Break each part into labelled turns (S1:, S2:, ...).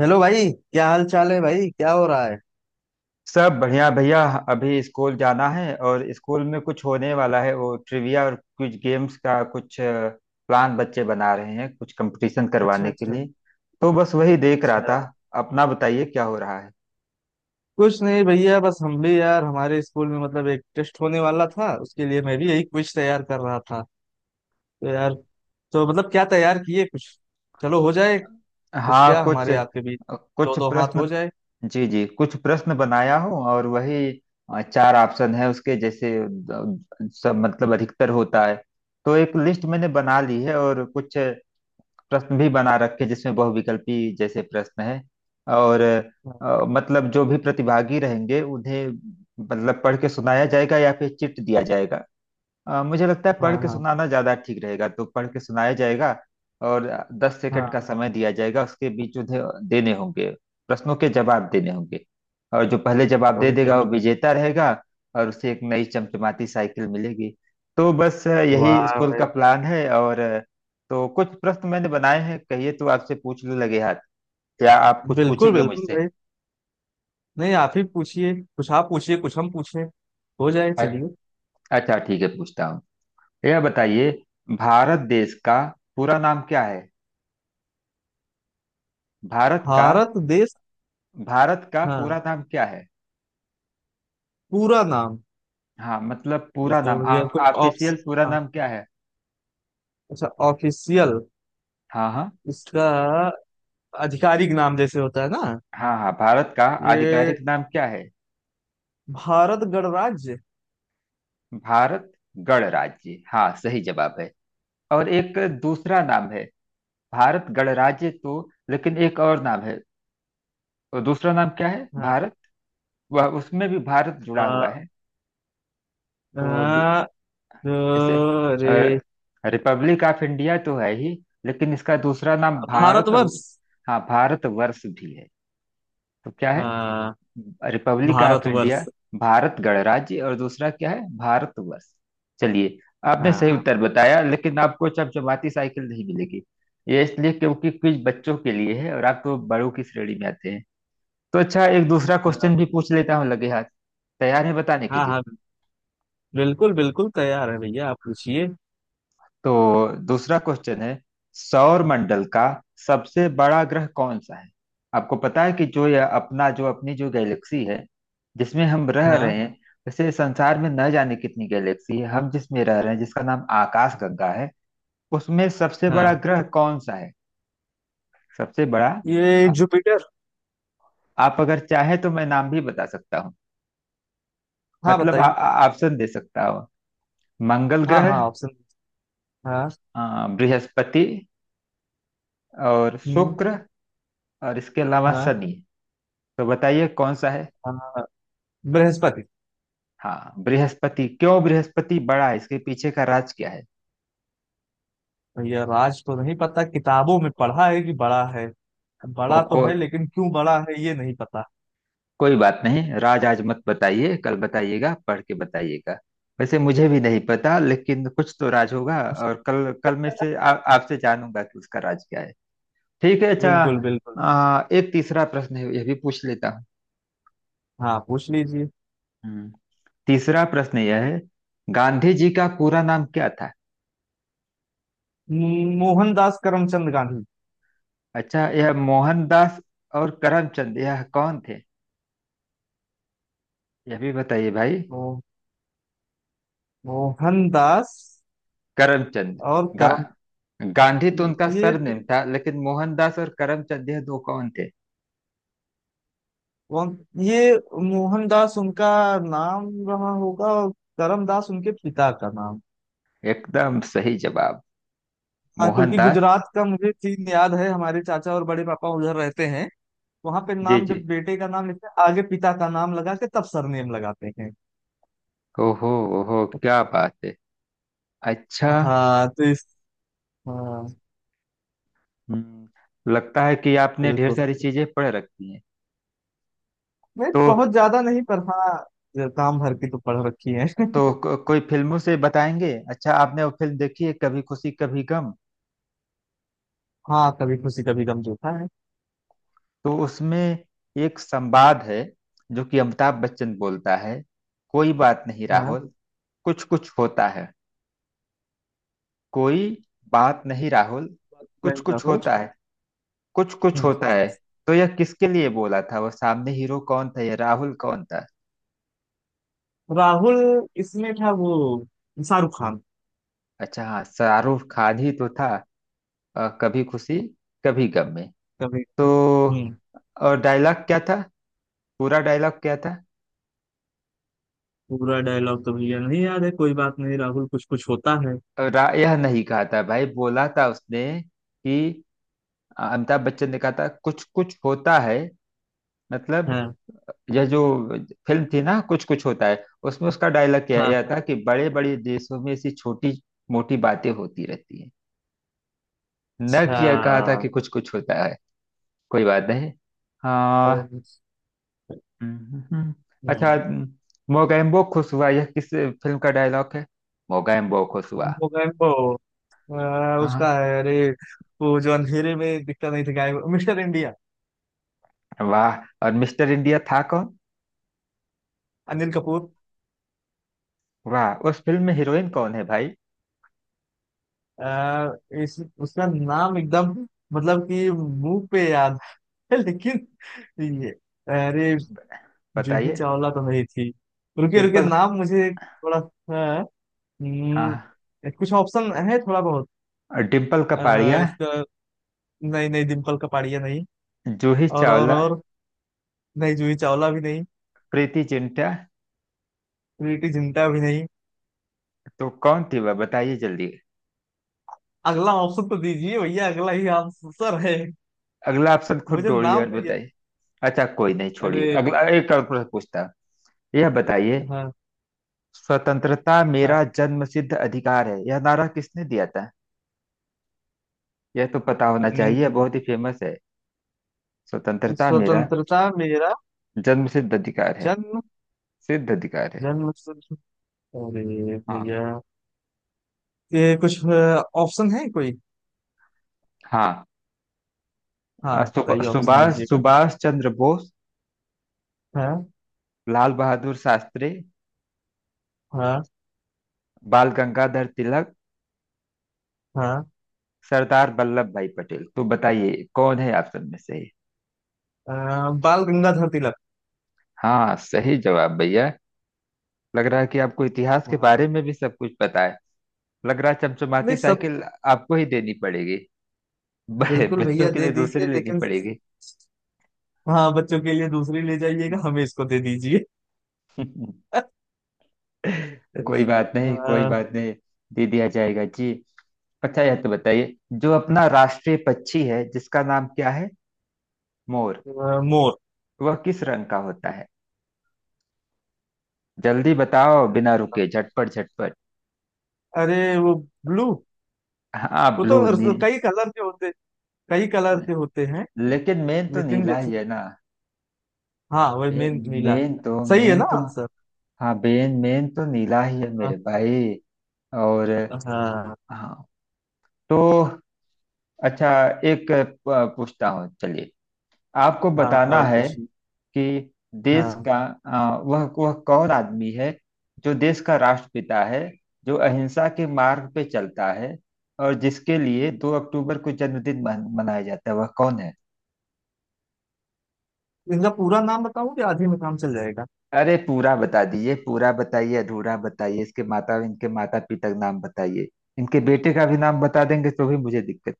S1: Hello भाई, क्या हाल चाल है भाई, क्या हो रहा है।
S2: सब बढ़िया भैया। अभी स्कूल जाना है और स्कूल में कुछ होने वाला है। वो ट्रिविया और कुछ गेम्स का कुछ प्लान बच्चे बना रहे हैं कुछ कंपटीशन
S1: अच्छा
S2: करवाने के
S1: अच्छा।
S2: लिए। तो बस वही देख रहा
S1: अच्छा।
S2: था। अपना बताइए क्या हो रहा है।
S1: कुछ नहीं भैया, बस हम भी यार हमारे स्कूल में मतलब एक टेस्ट होने वाला था, उसके लिए मैं भी यही क्विज तैयार कर रहा था। तो यार। तो मतलब क्या तैयार किए कुछ। चलो हो जाए। कुछ
S2: हाँ,
S1: क्या,
S2: कुछ।
S1: हमारे आपके बीच दो
S2: कुछ
S1: दो हाथ हो
S2: प्रश्न।
S1: जाए।
S2: जी जी, कुछ प्रश्न बनाया हूँ और वही। चार ऑप्शन है उसके जैसे सब मतलब अधिकतर होता है। तो एक लिस्ट मैंने बना ली है और कुछ प्रश्न भी बना रखे जिसमें बहुविकल्पी जैसे प्रश्न है। और
S1: हाँ,
S2: मतलब जो भी प्रतिभागी रहेंगे उन्हें मतलब पढ़ के सुनाया जाएगा या फिर चिट दिया जाएगा। मुझे लगता है पढ़
S1: हाँ,
S2: के
S1: हाँ,
S2: सुनाना ज्यादा ठीक रहेगा, तो पढ़ के सुनाया जाएगा। और 10 सेकंड
S1: हाँ।
S2: का समय दिया जाएगा, उसके बीच उन्हें देने होंगे, प्रश्नों के जवाब देने होंगे, और जो पहले जवाब
S1: तो
S2: दे
S1: भैया।
S2: देगा वो विजेता रहेगा, और उसे एक नई चमचमाती साइकिल मिलेगी। तो बस यही
S1: वाह
S2: स्कूल का
S1: भाई।
S2: प्लान है और तो कुछ प्रश्न मैंने बनाए हैं, कहिए तो आपसे पूछने लगे हाथ। क्या आप कुछ
S1: बिल्कुल
S2: पूछेंगे
S1: बिल्कुल
S2: मुझसे?
S1: भाई। नहीं, आप ही पूछिए कुछ, आप पूछिए कुछ हम पूछें। हो जाए,
S2: अ-
S1: चलिए।
S2: अच्छा ठीक है, पूछता हूँ। यह बताइए, भारत देश का पूरा नाम क्या है? भारत का?
S1: भारत देश।
S2: भारत का
S1: हाँ।
S2: पूरा नाम क्या है?
S1: पूरा नाम।
S2: हाँ मतलब
S1: ये
S2: पूरा
S1: तो
S2: नाम,
S1: भैया
S2: आप
S1: कोई ऑप्स,
S2: ऑफिशियल पूरा
S1: हाँ।
S2: नाम क्या है?
S1: अच्छा, ऑफिशियल।
S2: हाँ हाँ।
S1: इसका आधिकारिक नाम जैसे होता है ना,
S2: हाँ हाँ, भारत का
S1: ये
S2: आधिकारिक नाम क्या है?
S1: भारत गणराज्य।
S2: भारत गणराज्य, हाँ सही जवाब है। और एक दूसरा नाम है, भारत गणराज्य तो, लेकिन एक और नाम है। और दूसरा नाम क्या है
S1: हाँ।
S2: भारत? वह, उसमें भी भारत जुड़ा हुआ
S1: आ,
S2: है।
S1: आ,
S2: तो
S1: अ,
S2: जैसे
S1: रे
S2: रिपब्लिक ऑफ इंडिया तो है ही, लेकिन इसका दूसरा नाम भारत।
S1: भारतवर्ष।
S2: हाँ, भारत वर्ष भी है। तो क्या है?
S1: हाँ,
S2: republic of
S1: Bharatvarsh.
S2: India, Bharat गणराज्य और दूसरा क्या है, भारतवर्ष। चलिए, आपने सही
S1: हाँ
S2: उत्तर बताया, लेकिन आपको चमचमाती साइकिल नहीं मिलेगी। ये इसलिए क्योंकि क्विज बच्चों के लिए है और आप तो बड़ों की श्रेणी में आते हैं। तो अच्छा, एक दूसरा क्वेश्चन भी पूछ लेता हूँ लगे हाथ। तैयार है बताने के
S1: हाँ,
S2: लिए?
S1: हाँ। बिल्कुल बिल्कुल तैयार है भैया, आप पूछिए।
S2: तो दूसरा क्वेश्चन है, सौर मंडल का सबसे बड़ा ग्रह कौन सा है? आपको पता है कि जो यह अपना, जो अपनी जो गैलेक्सी है जिसमें हम रह
S1: हाँ,
S2: रहे हैं। वैसे संसार में न जाने कितनी गैलेक्सी है, हम जिसमें रह रहे हैं, जिसका नाम आकाश गंगा है, उसमें सबसे बड़ा
S1: हाँ।
S2: ग्रह कौन सा है? सबसे बड़ा।
S1: ये
S2: आ-
S1: जुपिटर।
S2: आप अगर चाहे तो मैं नाम भी बता सकता हूँ।
S1: हाँ,
S2: मतलब
S1: बताइए।
S2: ऑप्शन दे सकता हूँ। मंगल
S1: हाँ, हाँ,
S2: ग्रह,
S1: ऑप्शन। हाँ।
S2: बृहस्पति और
S1: हम्म।
S2: शुक्र, और इसके अलावा
S1: हाँ।
S2: शनि। तो बताइए कौन सा है?
S1: हाँ, बृहस्पति।
S2: हाँ बृहस्पति। क्यों बृहस्पति बड़ा है, इसके पीछे का राज क्या है?
S1: भैया राज तो नहीं पता, किताबों में पढ़ा है कि बड़ा है।
S2: हो
S1: बड़ा तो
S2: को,
S1: है लेकिन क्यों बड़ा है ये नहीं पता।
S2: कोई बात नहीं, राज आज मत बताइए, कल बताइएगा, पढ़ के बताइएगा। वैसे मुझे भी नहीं पता लेकिन कुछ तो राज होगा, और कल कल में से आपसे जानूंगा कि उसका राज क्या है। ठीक है, अच्छा।
S1: बिल्कुल बिल्कुल।
S2: एक तीसरा प्रश्न है, यह भी पूछ लेता हूँ।
S1: हाँ, पूछ लीजिए।
S2: हम्म, तीसरा प्रश्न यह है, गांधी जी का पूरा नाम क्या था?
S1: मोहनदास करमचंद गांधी।
S2: अच्छा, यह मोहनदास और करमचंद, यह कौन थे, यह भी बताइए भाई।
S1: मो, मोहनदास
S2: करमचंद।
S1: और
S2: गा,
S1: करम।
S2: गांधी तो उनका
S1: ये तो
S2: सरनेम था, लेकिन मोहनदास और करमचंद यह दो कौन थे?
S1: ये मोहनदास उनका नाम रहा होगा और करमदास उनके पिता का नाम।
S2: एकदम सही जवाब।
S1: हाँ, क्योंकि
S2: मोहनदास।
S1: गुजरात का मुझे सीन याद है, हमारे चाचा और बड़े पापा उधर रहते हैं। वहां पे
S2: जी
S1: नाम जब
S2: जी।
S1: बेटे का नाम लिखते हैं, आगे पिता का नाम लगा के तब सरनेम लगाते हैं।
S2: ओहो, ओहो क्या बात है। अच्छा।
S1: हाँ, तो इस। हाँ।
S2: हम्म, लगता है कि आपने ढेर
S1: बिल्कुल।
S2: सारी चीजें पढ़ रखी हैं।
S1: नहीं,
S2: तो।
S1: बहुत ज्यादा नहीं, पर हाँ काम भर की तो पढ़ रखी है।
S2: तो कोई फिल्मों से बताएंगे। अच्छा, आपने वो फिल्म देखी है, कभी खुशी कभी गम?
S1: हाँ, कभी खुशी कभी गम देखा है।
S2: तो उसमें एक संवाद है, जो कि अमिताभ बच्चन बोलता है। कोई बात नहीं
S1: हाँ।
S2: राहुल, कुछ कुछ होता है। कोई बात नहीं राहुल, कुछ
S1: नहीं,
S2: कुछ
S1: राहुल।
S2: होता है। कुछ कुछ
S1: हम्म।
S2: होता है। तो यह किसके लिए बोला था? वह सामने हीरो कौन था, यह राहुल कौन था?
S1: राहुल इसमें था वो शाहरुख खान।
S2: अच्छा हाँ, शाहरुख खान ही तो था। कभी खुशी कभी गम में
S1: कभी।
S2: तो।
S1: हम्म।
S2: और डायलॉग क्या था, पूरा डायलॉग क्या था?
S1: पूरा डायलॉग तो भैया नहीं याद है, कोई बात नहीं राहुल कुछ कुछ होता है।
S2: यह नहीं कहा था भाई, बोला था उसने कि अमिताभ बच्चन ने कहा था कुछ कुछ होता है, मतलब।
S1: हाँ
S2: यह जो फिल्म थी ना, कुछ कुछ होता है, उसमें उसका डायलॉग क्या
S1: हाँ।
S2: यह था कि बड़े बड़े देशों में ऐसी छोटी मोटी बातें होती रहती है, न
S1: अच्छा।
S2: कि यह कहा था कि कुछ कुछ होता है, कोई बात नहीं,
S1: तो।
S2: हाँ। हम्म, हम्म। अच्छा,
S1: हम्म।
S2: मोगैम्बो खुश हुआ, यह किस फिल्म का डायलॉग है? मोगैम्बो खुश हुआ।
S1: मोगैम्बो। उसका
S2: हाँ
S1: है, अरे, वो जो अंधेरे में दिखता नहीं था, गायब, मिस्टर इंडिया।
S2: वाह। और मिस्टर इंडिया था कौन?
S1: अनिल कपूर।
S2: वाह, उस फिल्म में हीरोइन कौन है भाई?
S1: आ, इस उसका नाम एकदम, मतलब कि मुंह पे याद है। लेकिन ये, अरे। जूही
S2: बताइए।
S1: चावला तो नहीं थी। रुके रुके
S2: डिम्पल।
S1: नाम मुझे थोड़ा सा।
S2: हाँ,
S1: हम्म। कुछ ऑप्शन है थोड़ा बहुत।
S2: और डिम्पल कपाड़िया,
S1: इसका नहीं, नहीं, डिम्पल कपाड़िया नहीं।
S2: जूही
S1: और और
S2: चावला,
S1: और नहीं, जूही चावला भी नहीं।
S2: प्रीति जिंटा,
S1: प्रीति जिंटा भी नहीं।
S2: तो कौन थी वह बताइए जल्दी।
S1: अगला ऑप्शन तो दीजिए भैया, अगला ही आंसर है।
S2: अगला ऑप्शन खुद
S1: मुझे
S2: ढूंढिए और
S1: नाम नहीं है।
S2: बताइए। अच्छा कोई नहीं, छोड़िए,
S1: अरे।
S2: अगला एक और प्रश्न पूछता हूँ। यह बताइए,
S1: हाँ।
S2: स्वतंत्रता
S1: हाँ।
S2: मेरा जन्मसिद्ध अधिकार है, यह नारा किसने दिया था? यह तो पता होना
S1: हम्म।
S2: चाहिए, बहुत ही फेमस है। स्वतंत्रता मेरा
S1: स्वतंत्रता मेरा
S2: जन्मसिद्ध अधिकार है,
S1: जन्म,
S2: सिद्ध अधिकार है।
S1: जन मतलब, अरे
S2: हाँ
S1: भैया, ये कुछ ऑप्शन है कोई।
S2: हाँ।
S1: हाँ,
S2: अ, सुब-
S1: बताइए, ऑप्शन
S2: सुभाष
S1: दीजिएगा।
S2: सुभाष चंद्र बोस,
S1: हाँ।
S2: लाल बहादुर शास्त्री,
S1: हाँ।
S2: बाल गंगाधर तिलक,
S1: हाँ।
S2: सरदार वल्लभ भाई पटेल, तो बताइए कौन है ऑप्शन में से?
S1: अ, बाल गंगाधर तिलक।
S2: हाँ सही जवाब भैया। लग रहा है कि आपको इतिहास के
S1: हाँ।
S2: बारे में भी सब कुछ पता है। लग रहा है चमचमाती
S1: नहीं सब।
S2: साइकिल आपको ही देनी पड़ेगी,
S1: बिल्कुल
S2: बच्चों
S1: भैया
S2: के
S1: दे
S2: लिए दूसरी
S1: दीजिए
S2: लेनी
S1: लेकिन।
S2: पड़ेगी।
S1: हाँ, बच्चों के लिए दूसरी ले जाइएगा,
S2: हम्म।
S1: हमें इसको दे दीजिए। अ,
S2: कोई बात नहीं, कोई
S1: अ,
S2: बात नहीं, दे दिया जाएगा जी। अच्छा यह तो बताइए, जो अपना राष्ट्रीय पक्षी है जिसका नाम क्या है? मोर।
S1: मोर।
S2: वह किस रंग का होता है? जल्दी बताओ बिना रुके, झटपट झटपट।
S1: अरे वो, ब्लू।
S2: हाँ
S1: वो
S2: ब्लू, नी।
S1: तो कई कलर के होते, कई कलर के होते हैं।
S2: लेकिन मेन तो
S1: लेकिन
S2: नीला
S1: जैसे,
S2: ही है ना?
S1: हाँ, वही मेन नीला।
S2: मेन तो,
S1: सही है
S2: मेन
S1: ना
S2: तो।
S1: आंसर।
S2: हाँ बेन, मेन तो नीला ही है
S1: हाँ।
S2: मेरे भाई। और
S1: हाँ।
S2: हाँ, तो अच्छा, एक पूछता हूँ चलिए। आपको
S1: हाँ।
S2: बताना
S1: और
S2: है
S1: कुछ।
S2: कि देश
S1: हाँ।
S2: का वह, कौन आदमी है जो देश का राष्ट्रपिता है, जो अहिंसा के मार्ग पे चलता है, और जिसके लिए 2 अक्टूबर को जन्मदिन मनाया जाता है, वह कौन है?
S1: इनका पूरा नाम बताऊं कि आधे में काम चल जाएगा।
S2: अरे पूरा बता दीजिए, पूरा बताइए, अधूरा बताइए, इसके माता, इनके माता पिता का नाम बताइए। इनके बेटे का भी नाम बता देंगे तो भी मुझे दिक्कत।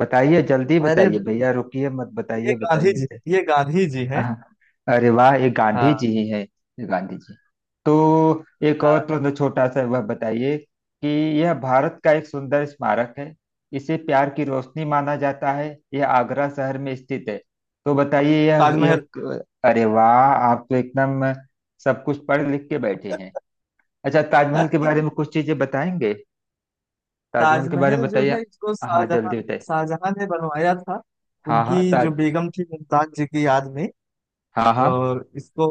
S2: बताइए, जल्दी
S1: अरे,
S2: बताइए भैया, रुकिए मत,
S1: ये
S2: बताइए,
S1: गांधी
S2: बताइए,
S1: जी,
S2: बताइए।
S1: ये गांधी जी हैं।
S2: अरे वाह, ये गांधी जी
S1: हाँ।
S2: ही है। ये गांधी जी। तो एक
S1: हाँ।
S2: और प्रश्न छोटा सा, वह बताइए कि यह भारत का एक सुंदर स्मारक है, इसे प्यार की रोशनी माना जाता है, यह आगरा शहर में स्थित है। तो बताइए, यह।
S1: ताजमहल।
S2: अरे वाह, आप तो एकदम सब कुछ पढ़ लिख के बैठे हैं। अच्छा, ताजमहल के बारे में कुछ चीजें बताएंगे? ताजमहल के बारे
S1: ताजमहल
S2: में
S1: जो
S2: बताइए।
S1: है इसको
S2: हाँ
S1: शाहजहां
S2: जल्दी बताइए।
S1: शाहजहां ने बनवाया था,
S2: हाँ हाँ,
S1: उनकी जो
S2: ताज।
S1: बेगम थी मुमताज जी की याद में।
S2: हाँ हाँ।
S1: और इसको,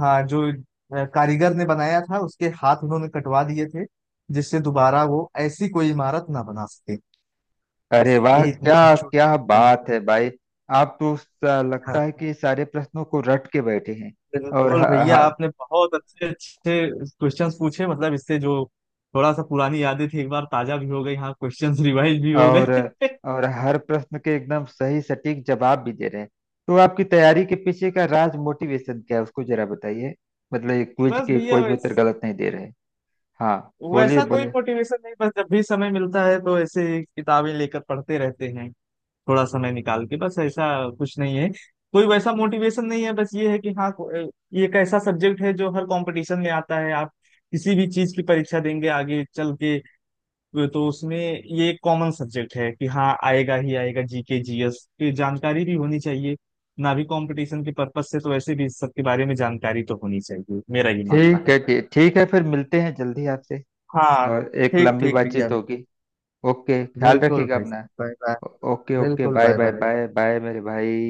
S1: हाँ, जो कारीगर ने बनाया था उसके हाथ उन्होंने कटवा दिए थे, जिससे दोबारा वो ऐसी कोई इमारत ना बना सके। बस
S2: अरे वाह,
S1: यही इतनी
S2: क्या
S1: छोटी।
S2: क्या बात है भाई। आप तो लगता है कि सारे प्रश्नों को रट के बैठे हैं। और ह,
S1: बिल्कुल भैया
S2: ह,
S1: आपने बहुत अच्छे अच्छे क्वेश्चंस पूछे, मतलब इससे जो थोड़ा सा पुरानी यादें थी, एक बार ताजा भी हो गई, हाँ, क्वेश्चंस रिवाइज भी हो
S2: और
S1: गए।
S2: और हर प्रश्न के एकदम सही सटीक जवाब भी दे रहे हैं। तो आपकी तैयारी के पीछे का राज, मोटिवेशन क्या है, उसको जरा बताइए। मतलब ये क्विज
S1: बस
S2: के
S1: भैया
S2: कोई भी उत्तर गलत नहीं दे रहे। हाँ बोलिए
S1: वैसा कोई
S2: बोलिए।
S1: मोटिवेशन नहीं, बस जब भी समय मिलता है तो ऐसे ही किताबें लेकर पढ़ते रहते हैं। थोड़ा समय निकाल के बस ऐसा कुछ नहीं है। कोई वैसा मोटिवेशन नहीं है, बस ये है कि हाँ, ये एक ऐसा सब्जेक्ट है जो हर कंपटीशन में आता है, आप किसी भी चीज की परीक्षा देंगे आगे चल के तो उसमें ये एक कॉमन सब्जेक्ट है कि हाँ आएगा ही आएगा, जीके जीएस की जानकारी भी होनी चाहिए ना, भी कंपटीशन के पर्पस से तो वैसे भी इस सब के बारे में जानकारी तो होनी चाहिए, मेरा ये मानना
S2: ठीक
S1: है।
S2: है, ठीक ठीक है, फिर मिलते हैं जल्दी आपसे।
S1: हाँ।
S2: और एक
S1: ठीक
S2: लंबी
S1: ठीक भैया।
S2: बातचीत होगी। ओके, ख्याल
S1: बिल्कुल
S2: रखिएगा
S1: भाई
S2: अपना।
S1: साहब, बाय बाय।
S2: ओके ओके,
S1: बिल्कुल,
S2: bye
S1: bye
S2: bye
S1: bye.
S2: Bye bye मेरे भाई।